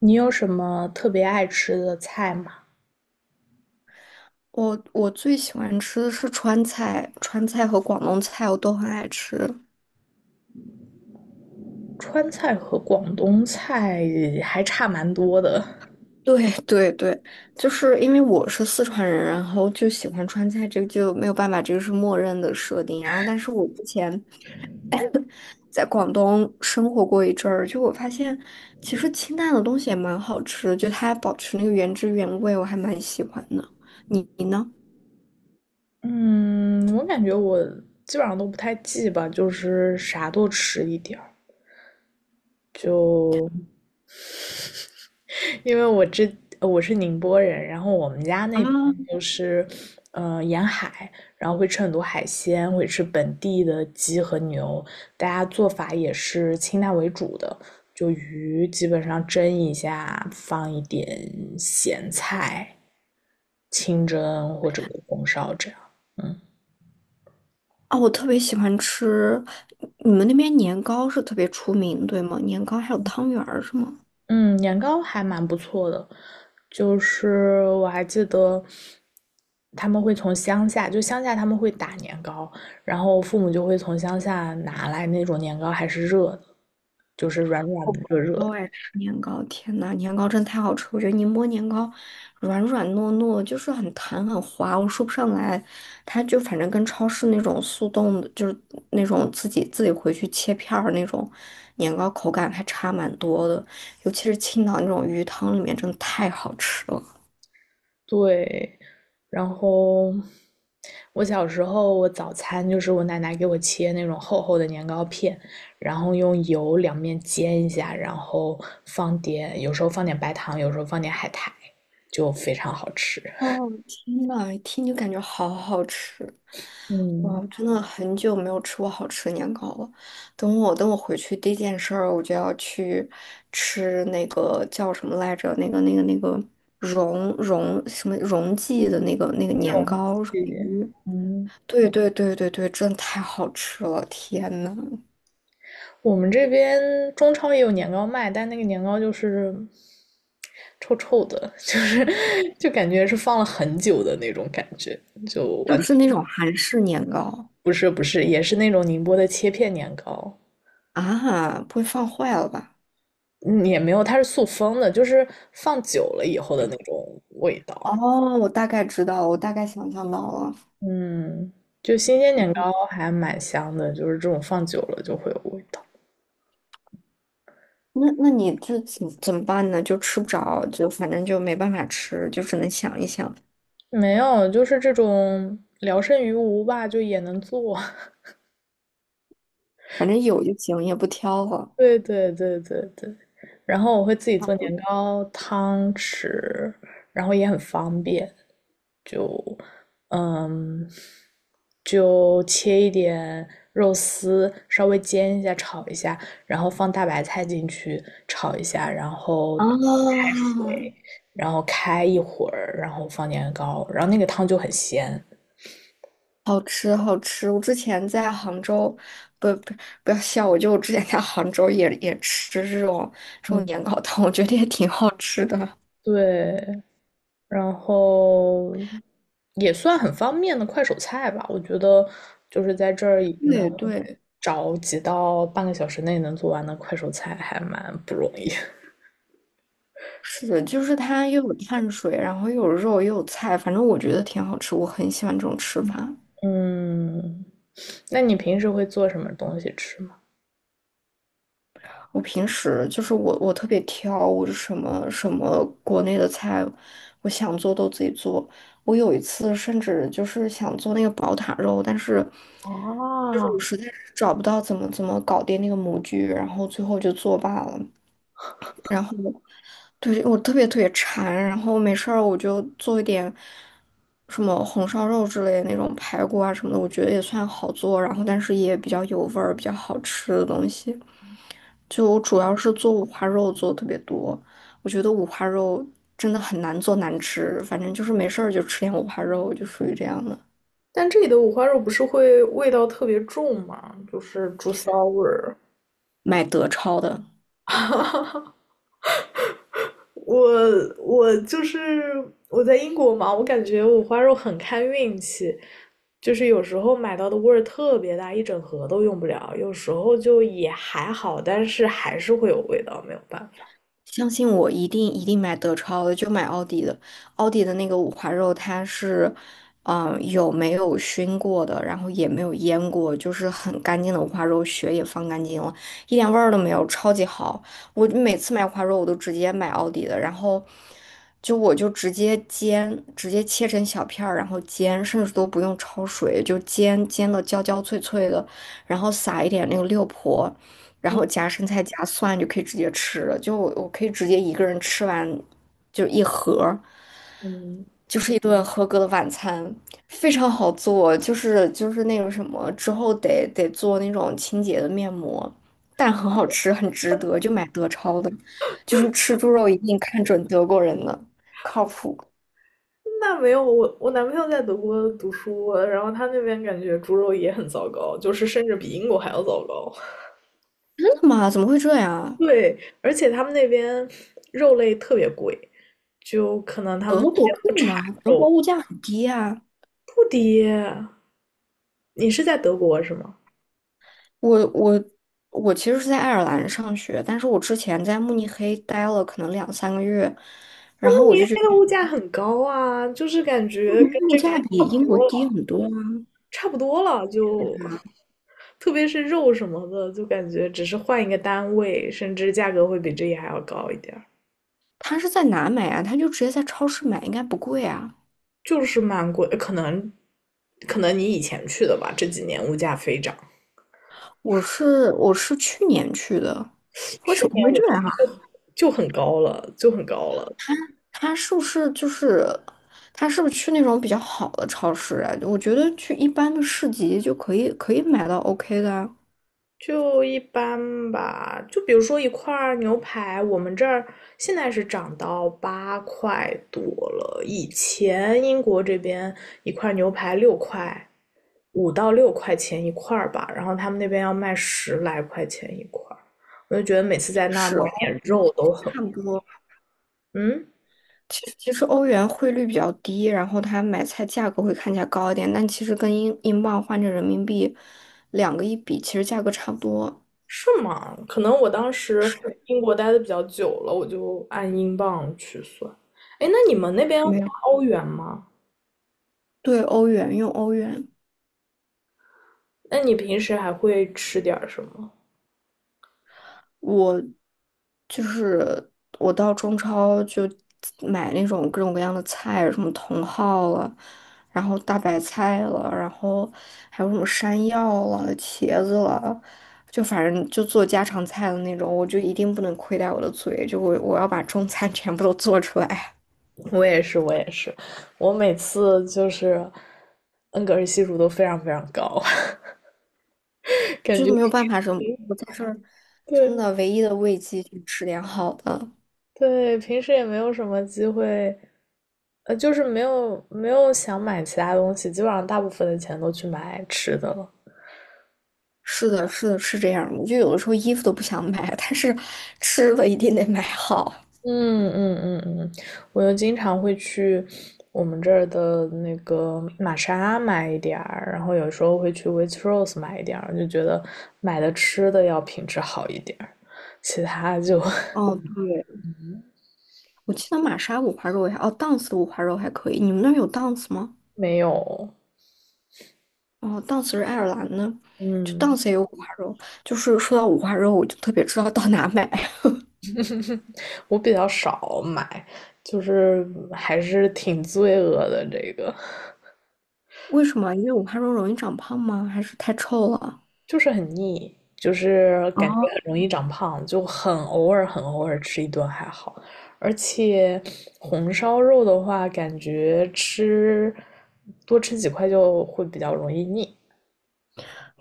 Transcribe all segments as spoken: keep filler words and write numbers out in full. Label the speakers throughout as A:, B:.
A: 你有什么特别爱吃的菜吗？
B: 我我最喜欢吃的是川菜，川菜和广东菜我都很爱吃。
A: 川菜和广东菜还差蛮多的。
B: 对 对对，就是因为我是四川人，然后就喜欢川菜，这个就没有办法，这个是默认的设定。然后，但是我之前 在广东生活过一阵儿，就我发现其实清淡的东西也蛮好吃的，就它保持那个原汁原味，我还蛮喜欢的。你你呢？
A: 嗯，我感觉我基本上都不太记吧，就是啥都吃一点儿。就因为我之呃我是宁波人，然后我们家那边
B: 呢？
A: 就是呃沿海，然后会吃很多海鲜，会吃本地的鸡和牛，大家做法也是清淡为主的，就鱼基本上蒸一下，放一点咸菜，清蒸或者红烧这样，嗯。
B: 哦，我特别喜欢吃，你们那边年糕是特别出名，对吗？年糕还有汤圆儿是吗？
A: 嗯，年糕还蛮不错的，就是我还记得他们会从乡下，就乡下他们会打年糕，然后父母就会从乡下拿来那种年糕，还是热的，就是软软的、热热的。
B: 我爱吃年糕，天呐，年糕真太好吃！我觉得宁波年糕软软糯糯，就是很弹很滑，我说不上来。它就反正跟超市那种速冻的，就是那种自己自己回去切片儿那种年糕，口感还差蛮多的。尤其是青岛那种鱼汤里面，真的太好吃了。
A: 对，然后我小时候我早餐就是我奶奶给我切那种厚厚的年糕片，然后用油两面煎一下，然后放点，有时候放点白糖，有时候放点海苔，就非常好吃。
B: 哦，天呐，一听就感觉好好吃！
A: 嗯，
B: 哇，真的很久没有吃过好吃的年糕了。等我等我回去第一件事儿，我就要去吃那个叫什么来着？那个那个那个荣荣什么荣记的那个那个年糕什
A: 谢
B: 么
A: 谢。
B: 鱼？
A: 嗯，
B: 对对对对对，真的太好吃了！天呐，
A: 我们这边中超也有年糕卖，但那个年糕就是臭臭的，就是 就感觉是放了很久的那种感觉，就
B: 是
A: 完
B: 不是
A: 全
B: 那种韩式年糕
A: 不是不是，也是那种宁波的切片年糕，
B: 啊？不会放坏了吧？
A: 嗯也没有，它是塑封的，就是放久了以后的那种味道。
B: 哦，我大概知道了，我大概想象到了。
A: 嗯，就新鲜年糕还蛮香的，就是这种放久了就会有味道。
B: 那那你这怎怎么办呢？就吃不着，就反正就没办法吃，就只能想一想，
A: 没有，就是这种聊胜于无吧，就也能做。
B: 反正有就行，也不挑了。
A: 对对对对对，然后我会自己
B: 啊
A: 做
B: 不
A: 年糕汤吃，然后也很方便，就嗯，就切一点肉丝，稍微煎一下，炒一下，然后放大白菜进去炒一下，然后
B: 啊，
A: 然后开一会儿，然后放年糕，然后那个汤就很鲜。
B: 好吃，好吃！我之前在杭州，不不不要笑我，就我之前在杭州也也吃这种这种
A: 嗯，
B: 年糕汤，我觉得也挺好吃的。
A: 对，然后也算很方便的快手菜吧。我觉得就是在这儿能
B: 对对，
A: 找几道半个小时内能做完的快手菜，还蛮不容易。
B: 是的，就是它又有碳水，然后又有肉又有菜，反正我觉得挺好吃，我很喜欢这种吃法。
A: 嗯，那你平时会做什么东西吃吗？
B: 我平时就是我，我特别挑，我是什么什么国内的菜，我想做都自己做。我有一次甚至就是想做那个宝塔肉，但是就是
A: 啊，
B: 我实在是找不到怎么怎么搞定那个模具，然后最后就作罢了。我对，我特别特别馋，然后没事儿我就做一点什么红烧肉之类的那种排骨啊什么的，我觉得也算好做，然后但是也比较有味儿，比较好吃的东西。就我主要是做五花肉做得特别多，我觉得五花肉真的很难做难吃，反正就是没事儿就吃点五花肉，就属于这样的。
A: 但这里的五花肉不是会味道特别重吗？就是猪骚味儿。
B: 买德超的，
A: 我我就是我在英国嘛，我感觉五花肉很看运气，就是有时候买到的味儿特别大，一整盒都用不了，有时候就也还好，但是还是会有味道，没有办法。
B: 相信我，一定一定买德超的，就买奥迪的。奥迪的那个五花肉，它是，嗯、有没有熏过的，然后也没有腌过，就是很干净的五花肉，血也放干净了，一点味儿都没有，超级好。我每次买五花肉，我都直接买奥迪的，然后就我就直接煎，直接切成小片儿，然后煎，甚至都不用焯水，就煎煎的焦焦脆脆的，然后撒一点那个六婆。然
A: 嗯
B: 后夹生菜夹蒜就可以直接吃了，就我我可以直接一个人吃完，就一盒儿，
A: 嗯，
B: 就是一顿合格的晚餐，非常好做，就是就是那个什么之后得得做那种清洁的面膜，但很好吃，很值得，就买德超的，就是吃猪肉一定看准德国人的，靠谱。
A: 那没有，我我男朋友在德国读书，然后他那边感觉猪肉也很糟糕，就是甚至比英国还要糟糕。
B: 真的吗？怎么会这样啊？
A: 对，而且他们那边肉类特别贵，就可能他们
B: 德国贵吗？德国物价很低啊。
A: 不低。你是在德国是吗？
B: 我我我其实是在爱尔兰上学，但是我之前在慕尼黑待了可能两三个月，
A: 慕尼黑的物价很高啊，就是感
B: 慕
A: 觉
B: 尼黑
A: 跟
B: 物
A: 这
B: 价
A: 边
B: 比
A: 差不
B: 英国
A: 多了，
B: 低很多啊。
A: 差不多了就，特别是肉什么的，就感觉只是换一个单位，甚至价格会比这里还要高一点儿
B: 他是在哪买啊？他就直接在超市买，应该不贵啊。
A: 就是蛮贵，可能可能你以前去的吧，这几年物价飞涨，
B: 我是我是去年去的，怎
A: 去
B: 么
A: 年
B: 会
A: 我
B: 这样啊？
A: 就很高了，就很高了，
B: 他是不是就是他是不是去那种比较好的超市啊？我觉得去一般的市集就可以可以买到 OK 的啊，
A: 就一般吧，就比如说一块儿牛排，我们这儿现在是涨到八块多了，以前英国这边一块牛排六块，五到六块钱一块儿吧，然后他们那边要卖十来块钱一块儿，我就觉得每次在那儿买
B: 是
A: 点肉都很，
B: 差不多。
A: 嗯，
B: 其实其实欧元汇率比较低，然后它买菜价格会看起来高一点，但其实跟英英镑换成人民币，两个一比，其实价格差不多。
A: 是吗？可能我当时
B: 是，
A: 英国待的比较久了，我就按英镑去算。哎，那你们那边
B: 没
A: 花
B: 有，
A: 欧元吗？
B: 对，欧元，用欧元。
A: 那你平时还会吃点儿什么？
B: 我就是我到中超就买那种各种各样的菜，什么茼蒿了，然后大白菜了，然后还有什么山药了、茄子了，就反正就做家常菜的那种，我就一定不能亏待我的嘴，就我我要把中餐 全部都做出来，
A: 我也是，我也是，我每次就是恩格尔系数都非常非常高，感
B: 就
A: 觉
B: 没有办法什么，我在这儿真
A: 对
B: 的唯一的慰藉就是吃点好的。
A: 对，平时也没有什么机会，呃，就是没有没有想买其他东西，基本上大部分的钱都去买吃的了。
B: 是的，是的，是这样。我就有的时候衣服都不想买，但是吃了一定得买好。
A: 嗯嗯嗯嗯，我又经常会去我们这儿的那个玛莎买一点儿，然后有时候会去 Waitrose 买一点儿，就觉得买的吃的要品质好一点儿，其他就
B: 哦，对，我记得玛莎五花肉也还，哦，Dance 的五花肉还可以。你们那儿有 Dance 吗？
A: 没有。
B: 哦，Dance 是爱尔兰的，就
A: 嗯，
B: Dance 也有五花肉。就是说到五花肉，我就特别知道到哪买。
A: 我比较少买，就是还是挺罪恶的这个。
B: 为什么？因为五花肉容易长胖吗？还是太臭了？
A: 就是很腻，就是感觉
B: 哦，
A: 很容易长胖，就很偶尔很偶尔吃一顿还好。而且红烧肉的话，感觉吃多吃几块就会比较容易腻。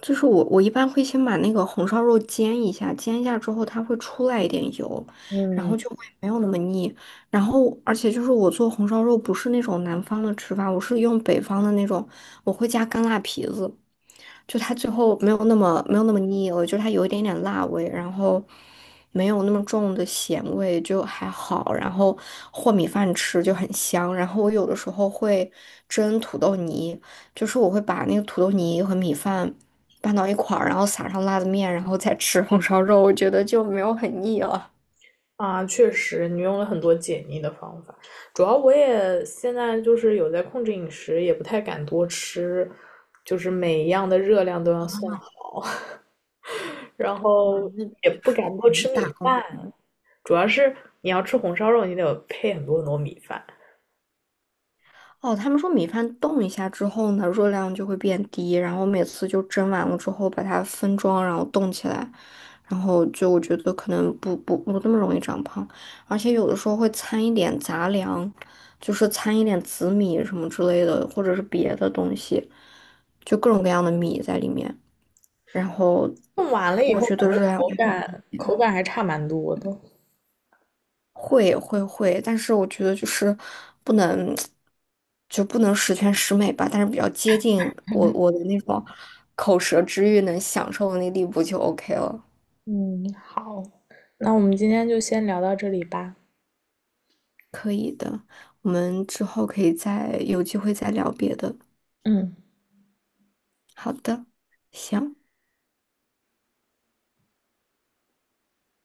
B: 就是我，我一般会先把那个红烧肉煎一下，煎一下之后它会出来一点油，然
A: 嗯
B: 后就会没有那么腻。然后，而且就是我做红烧肉不是那种南方的吃法，我是用北方的那种，我会加干辣皮子。就它最后没有那么没有那么腻了，就它有一点点辣味，然后没有那么重的咸味，就还好。然后和米饭吃就很香。然后我有的时候会蒸土豆泥，就是我会把那个土豆泥和米饭拌到一块儿，然后撒上辣子面，然后再吃红烧肉，我觉得就没有很腻了。
A: 啊，确实，你用了很多解腻的方法。主要我也现在就是有在控制饮食，也不太敢多吃，就是每一样的热量都要算好，然
B: 嗯，那
A: 后也
B: 就
A: 不
B: 是，
A: 敢多
B: 嗯
A: 吃
B: 大
A: 米
B: 口。
A: 饭，主要是你要吃红烧肉，你得配很多很多米饭，
B: 哦，他们说米饭冻一下之后呢，热量就会变低，然后每次就蒸完了之后把它分装，然后冻起来，然后就我觉得可能不不不那么容易长胖，而且有的时候会掺一点杂粮，就是掺一点紫米什么之类的，或者是别的东西，就各种各样的米在里面，然后
A: 弄完了以
B: 我
A: 后
B: 觉得热量
A: 口
B: 就很
A: 感
B: 低。
A: 口感还差蛮多的。
B: 会会会，但是我觉得就是不能，就不能十全十美吧，但是比较接近我我的那种口舌之欲能享受的那地步就 OK 了，
A: 嗯，好，那我们今天就先聊到这里吧。
B: 可以的。我们之后可以再有机会再聊别的。
A: 嗯。
B: 好的，行。